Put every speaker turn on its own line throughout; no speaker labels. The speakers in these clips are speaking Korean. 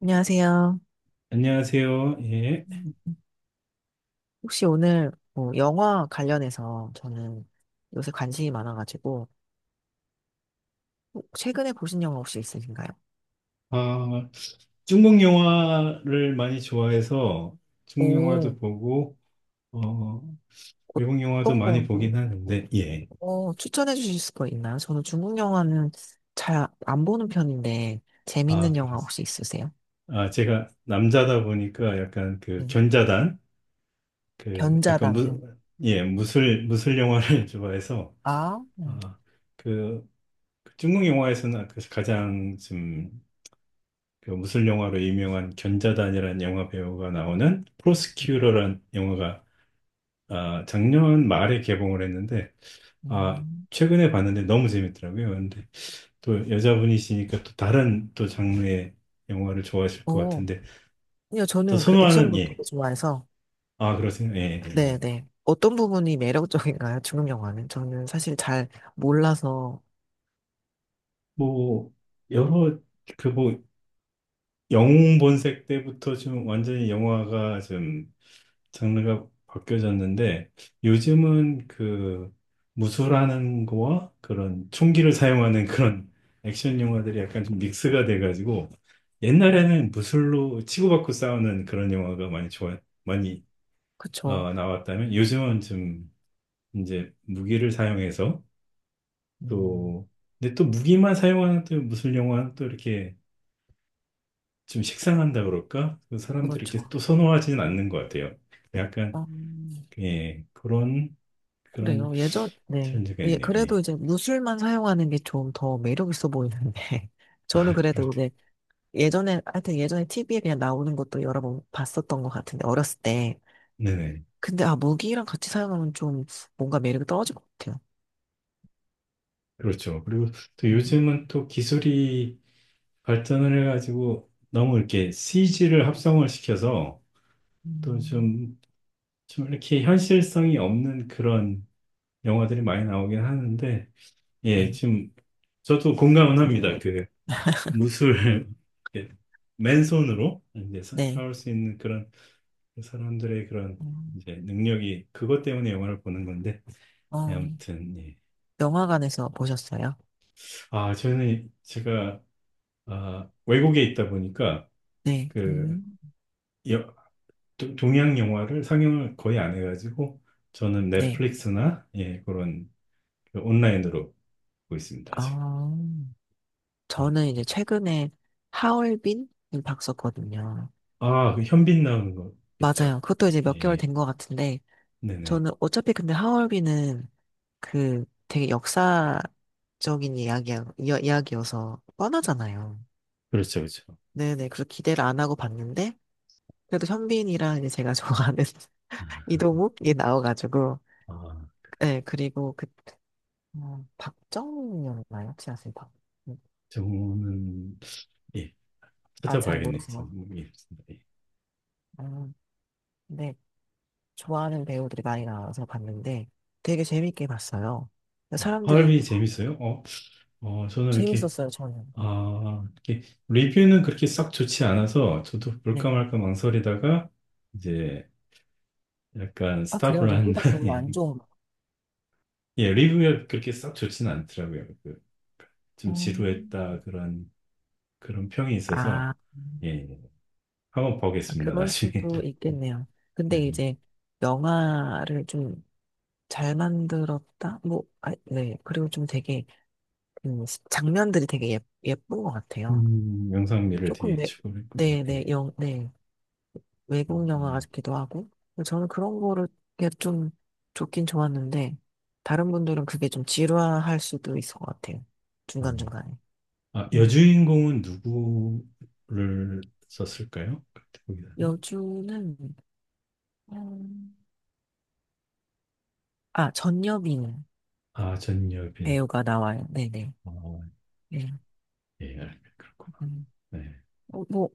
안녕하세요.
안녕하세요. 예.
음, 혹시 오늘 뭐 영화 관련해서 저는 요새 관심이 많아가지고 최근에 보신 영화 혹시 있으신가요?
아, 중국 영화를 많이 좋아해서 중국
오,
영화도 보고, 어, 외국 영화도
어떤
많이
거.
보긴 하는데, 예.
어, 추천해 주실 거 있나요? 저는 중국 영화는 잘 안 보는 편인데
아,
재밌는 영화
그러세요.
혹시 있으세요?
아, 제가 남자다 보니까 약간 그
네.
견자단, 그 약간 무,
견자당요.
예, 무술, 무술 영화를 좋아해서,
아,
아, 그, 그 중국 영화에서는 그 가장 좀그 무술 영화로 유명한 견자단이라는 영화 배우가 나오는 프로스큐러라는 영화가 작년 말에 개봉을 했는데, 아,
음.
최근에 봤는데 너무 재밌더라고요. 근데 또 여자분이시니까 또 다른 또 장르의 영화를 좋아하실 것
오,
같은데,
아니요,
또
저는 그
선호하는,
액션도 되게
예.
좋아해서.
아, 그렇습니다. 예, 예. 예.
네네. 어떤 부분이 매력적인가요? 중국 영화는 저는 사실 잘 몰라서.
뭐, 여러, 그 뭐, 영웅 본색 때부터 좀 완전히 영화가 좀 장르가 바뀌어졌는데 요즘은 그 무술하는 거와 그런 총기를 사용하는 그런 액션 영화들이 약간 좀 믹스가 돼가지고 옛날에는 무술로 치고받고 싸우는 그런 영화가 많이 좋아 많이
그쵸.
나왔다면 요즘은 좀 이제 무기를 사용해서
음,
또 근데 또 무기만 사용하는 또 무술 영화는 또 이렇게 좀 식상한다 그럴까? 그 사람들이 이렇게
그렇죠.
또 선호하지는 않는 것 같아요. 약간
음,
예, 그런
그래요. 예전, 네.
트렌드가
예,
있네요.
그래도
예.
이제 무술만 사용하는 게 좀 더 매력 있어 보이는데. 저는
아, 그렇,
그래도 이제 예전에, 하여튼 예전에 TV에 그냥 나오는 것도 여러 번 봤었던 것 같은데, 어렸을 때.
네네.
근데 아, 무기랑 같이 사용하면 좀 뭔가 매력이 떨어질 것 같아요.
그렇죠. 그리고 또
음,
요즘은 또 기술이 발전을 해가지고 너무 이렇게 CG를 합성을 시켜서 또
음,
좀 이렇게 현실성이 없는 그런 영화들이 많이 나오긴 하는데, 예,
네.
지금 저도 공감은 합니다. 그 무술, 이렇게 맨손으로 이제
네.
사올 수 있는 그런 그 사람들의 그런
음,
이제 능력이 그것 때문에 영화를 보는 건데 예,
어,
아무튼 예.
영화관에서 보셨어요?
아 저는 제가 외국에 있다 보니까
네.
그 여- 동양 영화를 상영을 거의 안 해가지고 저는
네.
넷플릭스나 예, 그런 그 온라인으로 보고 있습니다 지금.
아.
음.
저는 이제 최근에 하얼빈을 봤었거든요.
그 현빈 나오는 거겠죠.
맞아요. 그것도 이제
예,
몇 개월
예.
된 것 같은데,
네네.
저는 어차피 근데 하얼빈은 그 되게 역사적인 이야기야, 이야기여서 뻔하잖아요.
그렇죠, 그렇죠.
네네. 그래서 기대를 안 하고 봤는데, 그래도 현빈이랑 이제 제가 좋아하는
음.
이동욱이 나와가지고,
아,
네, 그리고 그, 어, 박정현이었나요? 혹시 아세요? 박, 음,
저는 예,
아, 잘
찾아봐야겠네요. 저는
모르세요.
모르겠습니다. 예.
아, 네. 좋아하는 배우들이 많이 나와서 봤는데 되게 재밌게 봤어요. 사람들이
하얼빈이 재밌어요? 저는 이렇게,
재밌었어요, 저는.
아, 이렇게, 리뷰는 그렇게 썩 좋지 않아서, 저도 볼까
네.
말까 망설이다가, 이제, 약간
아, 그래요?
스탑을 한
리뷰가 별로
다음에,
안 좋아.
예, 리뷰가 그렇게 썩 좋지는 않더라고요. 그, 좀
음.
지루했다, 그런 평이 있어서,
아,
예, 예. 한번
아,
보겠습니다,
그럴
나중에.
수도 있겠네요. 근데
네, 네.
이제 영화를 좀 잘 만들었다? 뭐, 아, 네. 그리고 좀 되게, 장면들이 되게 예, 예쁜 것 같아요.
영상미를
조금,
되게
네,
추구했구나.
네, 네,
네.
영, 네.
음,
외국 영화
음.
같기도 하고. 근데 저는 그런 거를 그게 좀 좋긴 좋았는데, 다른 분들은 그게 좀 지루할 수도 있을 것 같아요.
음.
중간중간에. 음.
여주인공은 누구를 썼을까요? 그때 기는
여주는, 음, 아, 전여빈
전여빈.
배우가 나와요. 네네.
어,
네.
예, 그렇구나.
음.
네.
어, 뭐,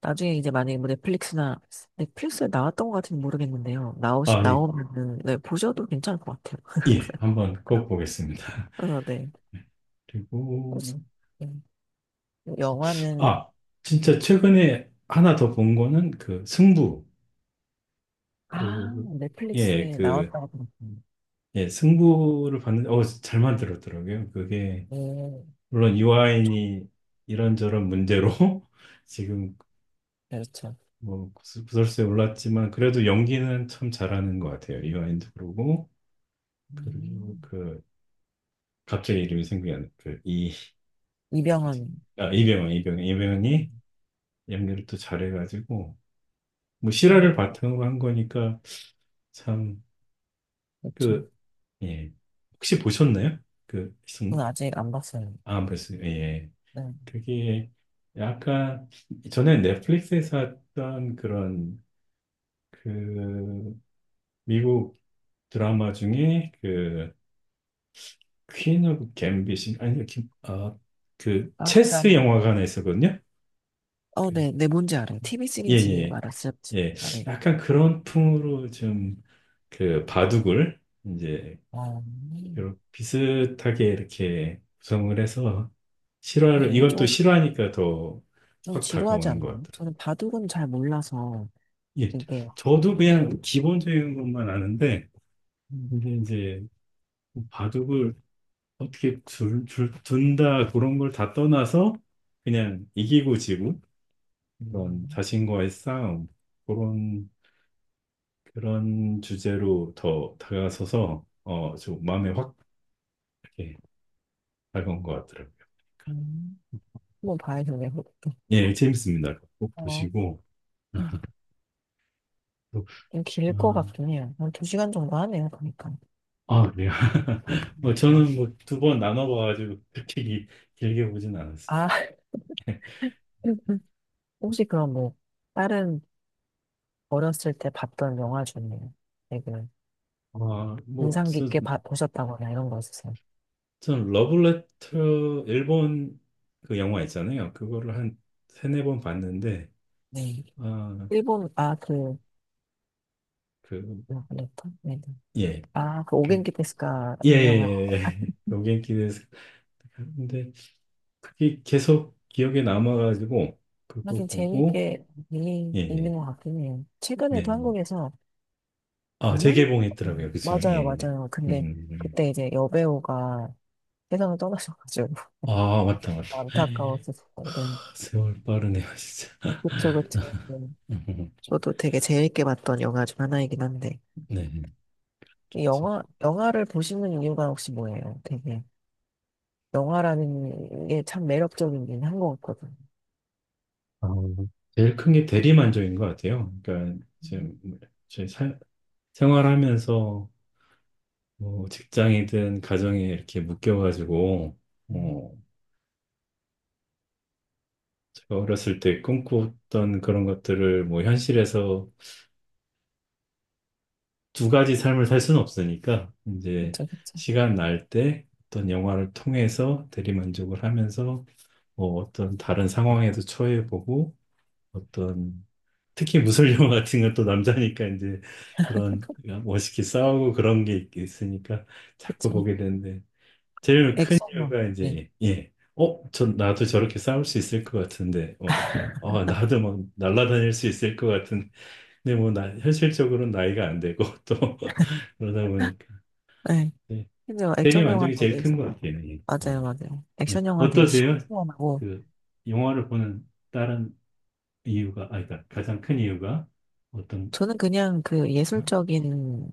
나중에 이제 만약에 뭐 넷플릭스나, 넷플릭스에 나왔던 것 같은지 모르겠는데요. 나오시,
예,
나오면은, 네, 보셔도 괜찮을 것 같아요.
예, 한번 꼭 보겠습니다.
그래서 네. 혹시,
그리고,
음, 영화는,
아, 진짜
음,
최근에 하나 더 본 거는 그 승부.
아,
그, 예,
넷플릭스에
그,
나왔다고 들었군요.
예, 승부를 봤는데, 잘 만들었더라고요. 그게,
예,
물론 이화인이 이런저런 문제로 지금
그렇죠.
뭐 구설수에 올랐지만, 그래도 연기는 참 잘하는 것 같아요. 이화인도 그러고, 그리고
음.
그, 갑자기 이름이 생각이 안, 나. 그, 그치?
이병헌. 음,
이병헌이 연기를 또 잘해가지고 뭐 실화를
음,
바탕으로 한 거니까 참
그렇죠.
그 예. 혹시 보셨나요? 그 승부?
그건 아직 안 봤어요.
아, 안 봤어요. 예. 예.
네.
그게 약간 전에 넷플릭스에서 했던 그런 그 미국 드라마 중에 그 퀸 오브 갬빗인 아니 아그
아,
체스
드라마.
영화관에 있었거든요.
어,
그,
네, 네, 뭔지 알아요. TV
예,
시리즈
예,
말았어요.
예.
진짜, 네.
약간 그런 풍으로 좀 그 바둑을 이제
어,
이렇게 비슷하게 이렇게 구성을 해서 실화를
그래요.
이건 또
좀,
실화니까 더
좀
확
지루하지
다가오는 것
않나요?
같더라고요.
저는 바둑은 잘 몰라서,
예,
이게,
저도 그냥 기본적인 것만 아는데
음,
근데 이제 바둑을 어떻게 둔다 그런 걸 다 떠나서 그냥 이기고 지고 그런
음,
자신과의 싸움 그런 주제로 더 다가서서 좀 마음에 확 이렇게 다가온 것 같더라고요.
음. 한번 봐야겠네요. 그것도.
예, 재밌습니다. 꼭
어,
보시고. 아,
음.
또,
좀 길 것
음,
같긴 해요. 한 2시간 정도 하네요, 보니까.
그래요. 뭐
음.
저는 뭐 두 번 나눠봐가지고 그렇게 길게 보진 않았어요.
아, 혹시 그럼 뭐 다른 어렸을 때 봤던 영화 중에 되게
뭐,
인상 깊게 보셨다거나 이런 거 있으세요?
전 러브레터 일본 그 영화 있잖아요. 그거를 한 세네 번 봤는데,
네.
아,
일본 아그
그,
레터? 네.
예,
아그
그,
오겐키 테스카
예,
유명한.
예, 예. 로겐키에서 근데 그게 계속 기억에 남아가지고 그거
하긴
보고,
재미있게 있는
예,
있는
예.
것 같긴 해요.
네,
최근에도
네.
한국에서. 작년?
재개봉했더라고요, 그기서 예,
맞아요,
예.
맞아요.
음,
근데
음, 음.
그때 이제 여배우가 세상을 떠나셔가지고
맞다, 맞다.
안타까웠었거든요.
세월 빠르네요, 진짜.
그쵸, 그쵸. 네.
음,
저도 되게 재밌게 봤던 영화 중 하나이긴 한데.
네.
이 영화, 영화를 보시는 이유가 혹시 뭐예요? 되게, 영화라는 게 참 매력적이긴 한 것 같거든요.
아, 제일 큰 게 대리만족인 것 같아요. 그러니까
음,
지금 저희 생활하면서 뭐 직장이든 가정에 이렇게 묶여가지고
음.
어, 제가 어렸을 때 꿈꿨던 그런 것들을 뭐 현실에서 두 가지 삶을 살 수는 없으니까 이제
그쵸, 그쵸,
시간 날 때 어떤 영화를 통해서 대리만족을 하면서 뭐 어떤 다른 상황에도 처해보고 어떤 특히 무술 영화 같은 건 또 남자니까 이제 그런 멋있게 싸우고 그런 게 있으니까 자꾸
그쵸.
보게 되는데 제일 큰
액션, 영화,
이유가
네.
이제 예, 나도 저렇게 싸울 수 있을 것 같은데 나도 막 날아다닐 수 있을 것 같은 근데 뭐 나 현실적으로는 나이가 안 되고 또 그러다 보니까
네.
예,
근데
대리
액션 영화
만족이 제일
되게,
큰 것 같아요. 예,
맞아요,
네.
맞아요.
예.
액션 영화는 되게
어떠세요?
시원시원하고,
그 영화를 보는 다른 이유가, 그러니까 가장 큰 이유가 어떤,
저는 그냥 그
거요?
예술적인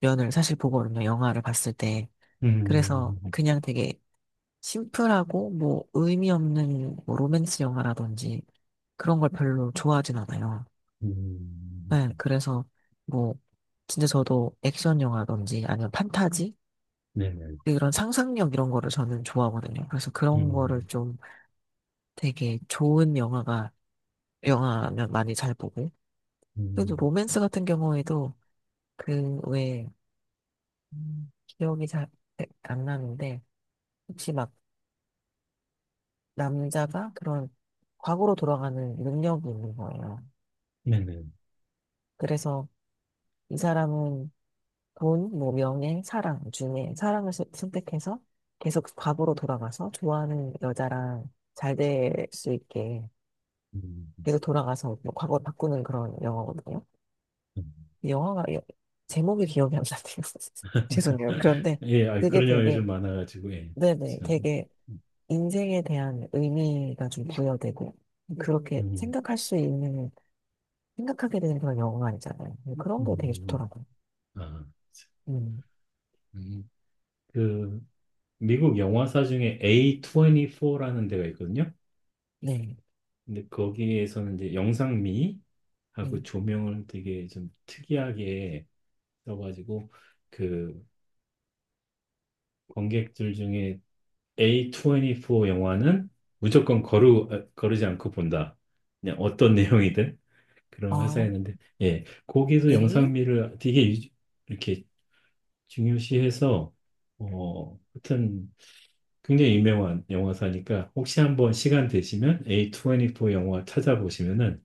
면을 사실 보거든요, 영화를 봤을 때. 그래서
음,
그냥 되게 심플하고, 뭐, 의미 없는 뭐 로맨스 영화라든지 그런 걸 별로 좋아하진 않아요.
음,
네, 그래서 뭐 진짜 저도 액션 영화든지 아니면 판타지
네네.
이런 상상력 이런 거를 저는 좋아하거든요. 그래서 그런 거를
음,
좀 되게 좋은 영화가 영화면 많이 잘 보고 그래도
음,
로맨스 같은 경우에도 그왜 기억이 잘 안 나는데 혹시 막 남자가 그런 과거로 돌아가는 능력이 있는 거예요.
네네.
그래서 이 사람은 돈, 뭐, 명예, 사랑 중에 사랑을 선택해서 계속 과거로 돌아가서 좋아하는 여자랑 잘 될 수 있게
음,
계속 돌아가서 뭐 과거를 바꾸는 그런 영화거든요.
음.
이 영화가 여- 제목이 기억이 안 나네요. 죄송해요. 그런데
예,
그게
그런 영화
되게
요즘 많아가지고, 예,
네네
참.
되게 인생에 대한 의미가 좀 부여되고 그렇게
음,
생각할 수 있는 생각하게 되는 그런 영화가 아니잖아요. 그런 게 되게
음,
좋더라고요.
아,
음,
음. 그, 미국 영화사 중에 A24라는 데가 있거든요.
네.
근데 거기에서는 이제 영상미하고
음.
조명을 되게 좀 특이하게 써가지고, 그, 관객들 중에 A24 영화는 무조건 거르지 않고 본다. 그냥 어떤 내용이든 그런
아,
회사였는데, 예, 거기도
A?
영상미를 되게 이렇게 중요시해서, 하여튼 굉장히 유명한 영화사니까 혹시 한번 시간 되시면 A24 영화 찾아보시면은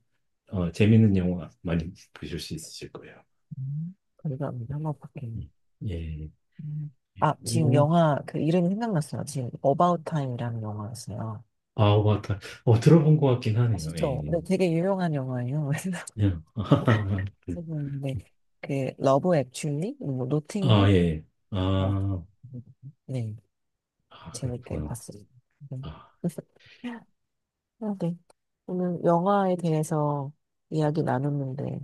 재밌는 영화 많이 보실 수 있으실 거예요.
감사합니다. 한번 볼게요.
음, 예,
음. 아, 지금
오,
영화, 그 이름이 생각났어요. 지금 About Time이라는 영화였어요.
맞다. 들어본 것 같긴 하네요,
아시죠?
a
네, 되게 유명한 영화예요. 근데 그 러브 액츄얼리, 뭐
아, 예.
노팅힐,
예.
뭐
아,
네, 재밌게
그렇구나.
봤어요. 네.
아,
아, 네. 오늘 영화에 대해서 이야기 나눴는데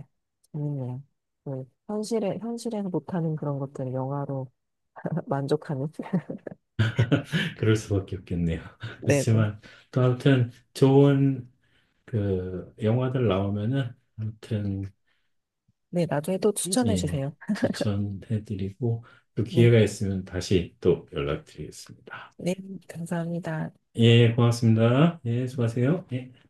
재밌네요. 네, 현실에 현실에서 못하는 그런 것들을 영화로 만족하는.
그럴 수밖에 없겠네요.
네.
그렇지만, 또 아무튼 좋은 그 영화들 나오면은, 아무튼,
네, 나중에 또 추천해
예,
주세요.
추천해드리고, 또
네,
기회가 있으면 다시 또 연락드리겠습니다.
네, 감사합니다.
예, 고맙습니다. 예, 수고하세요. 예.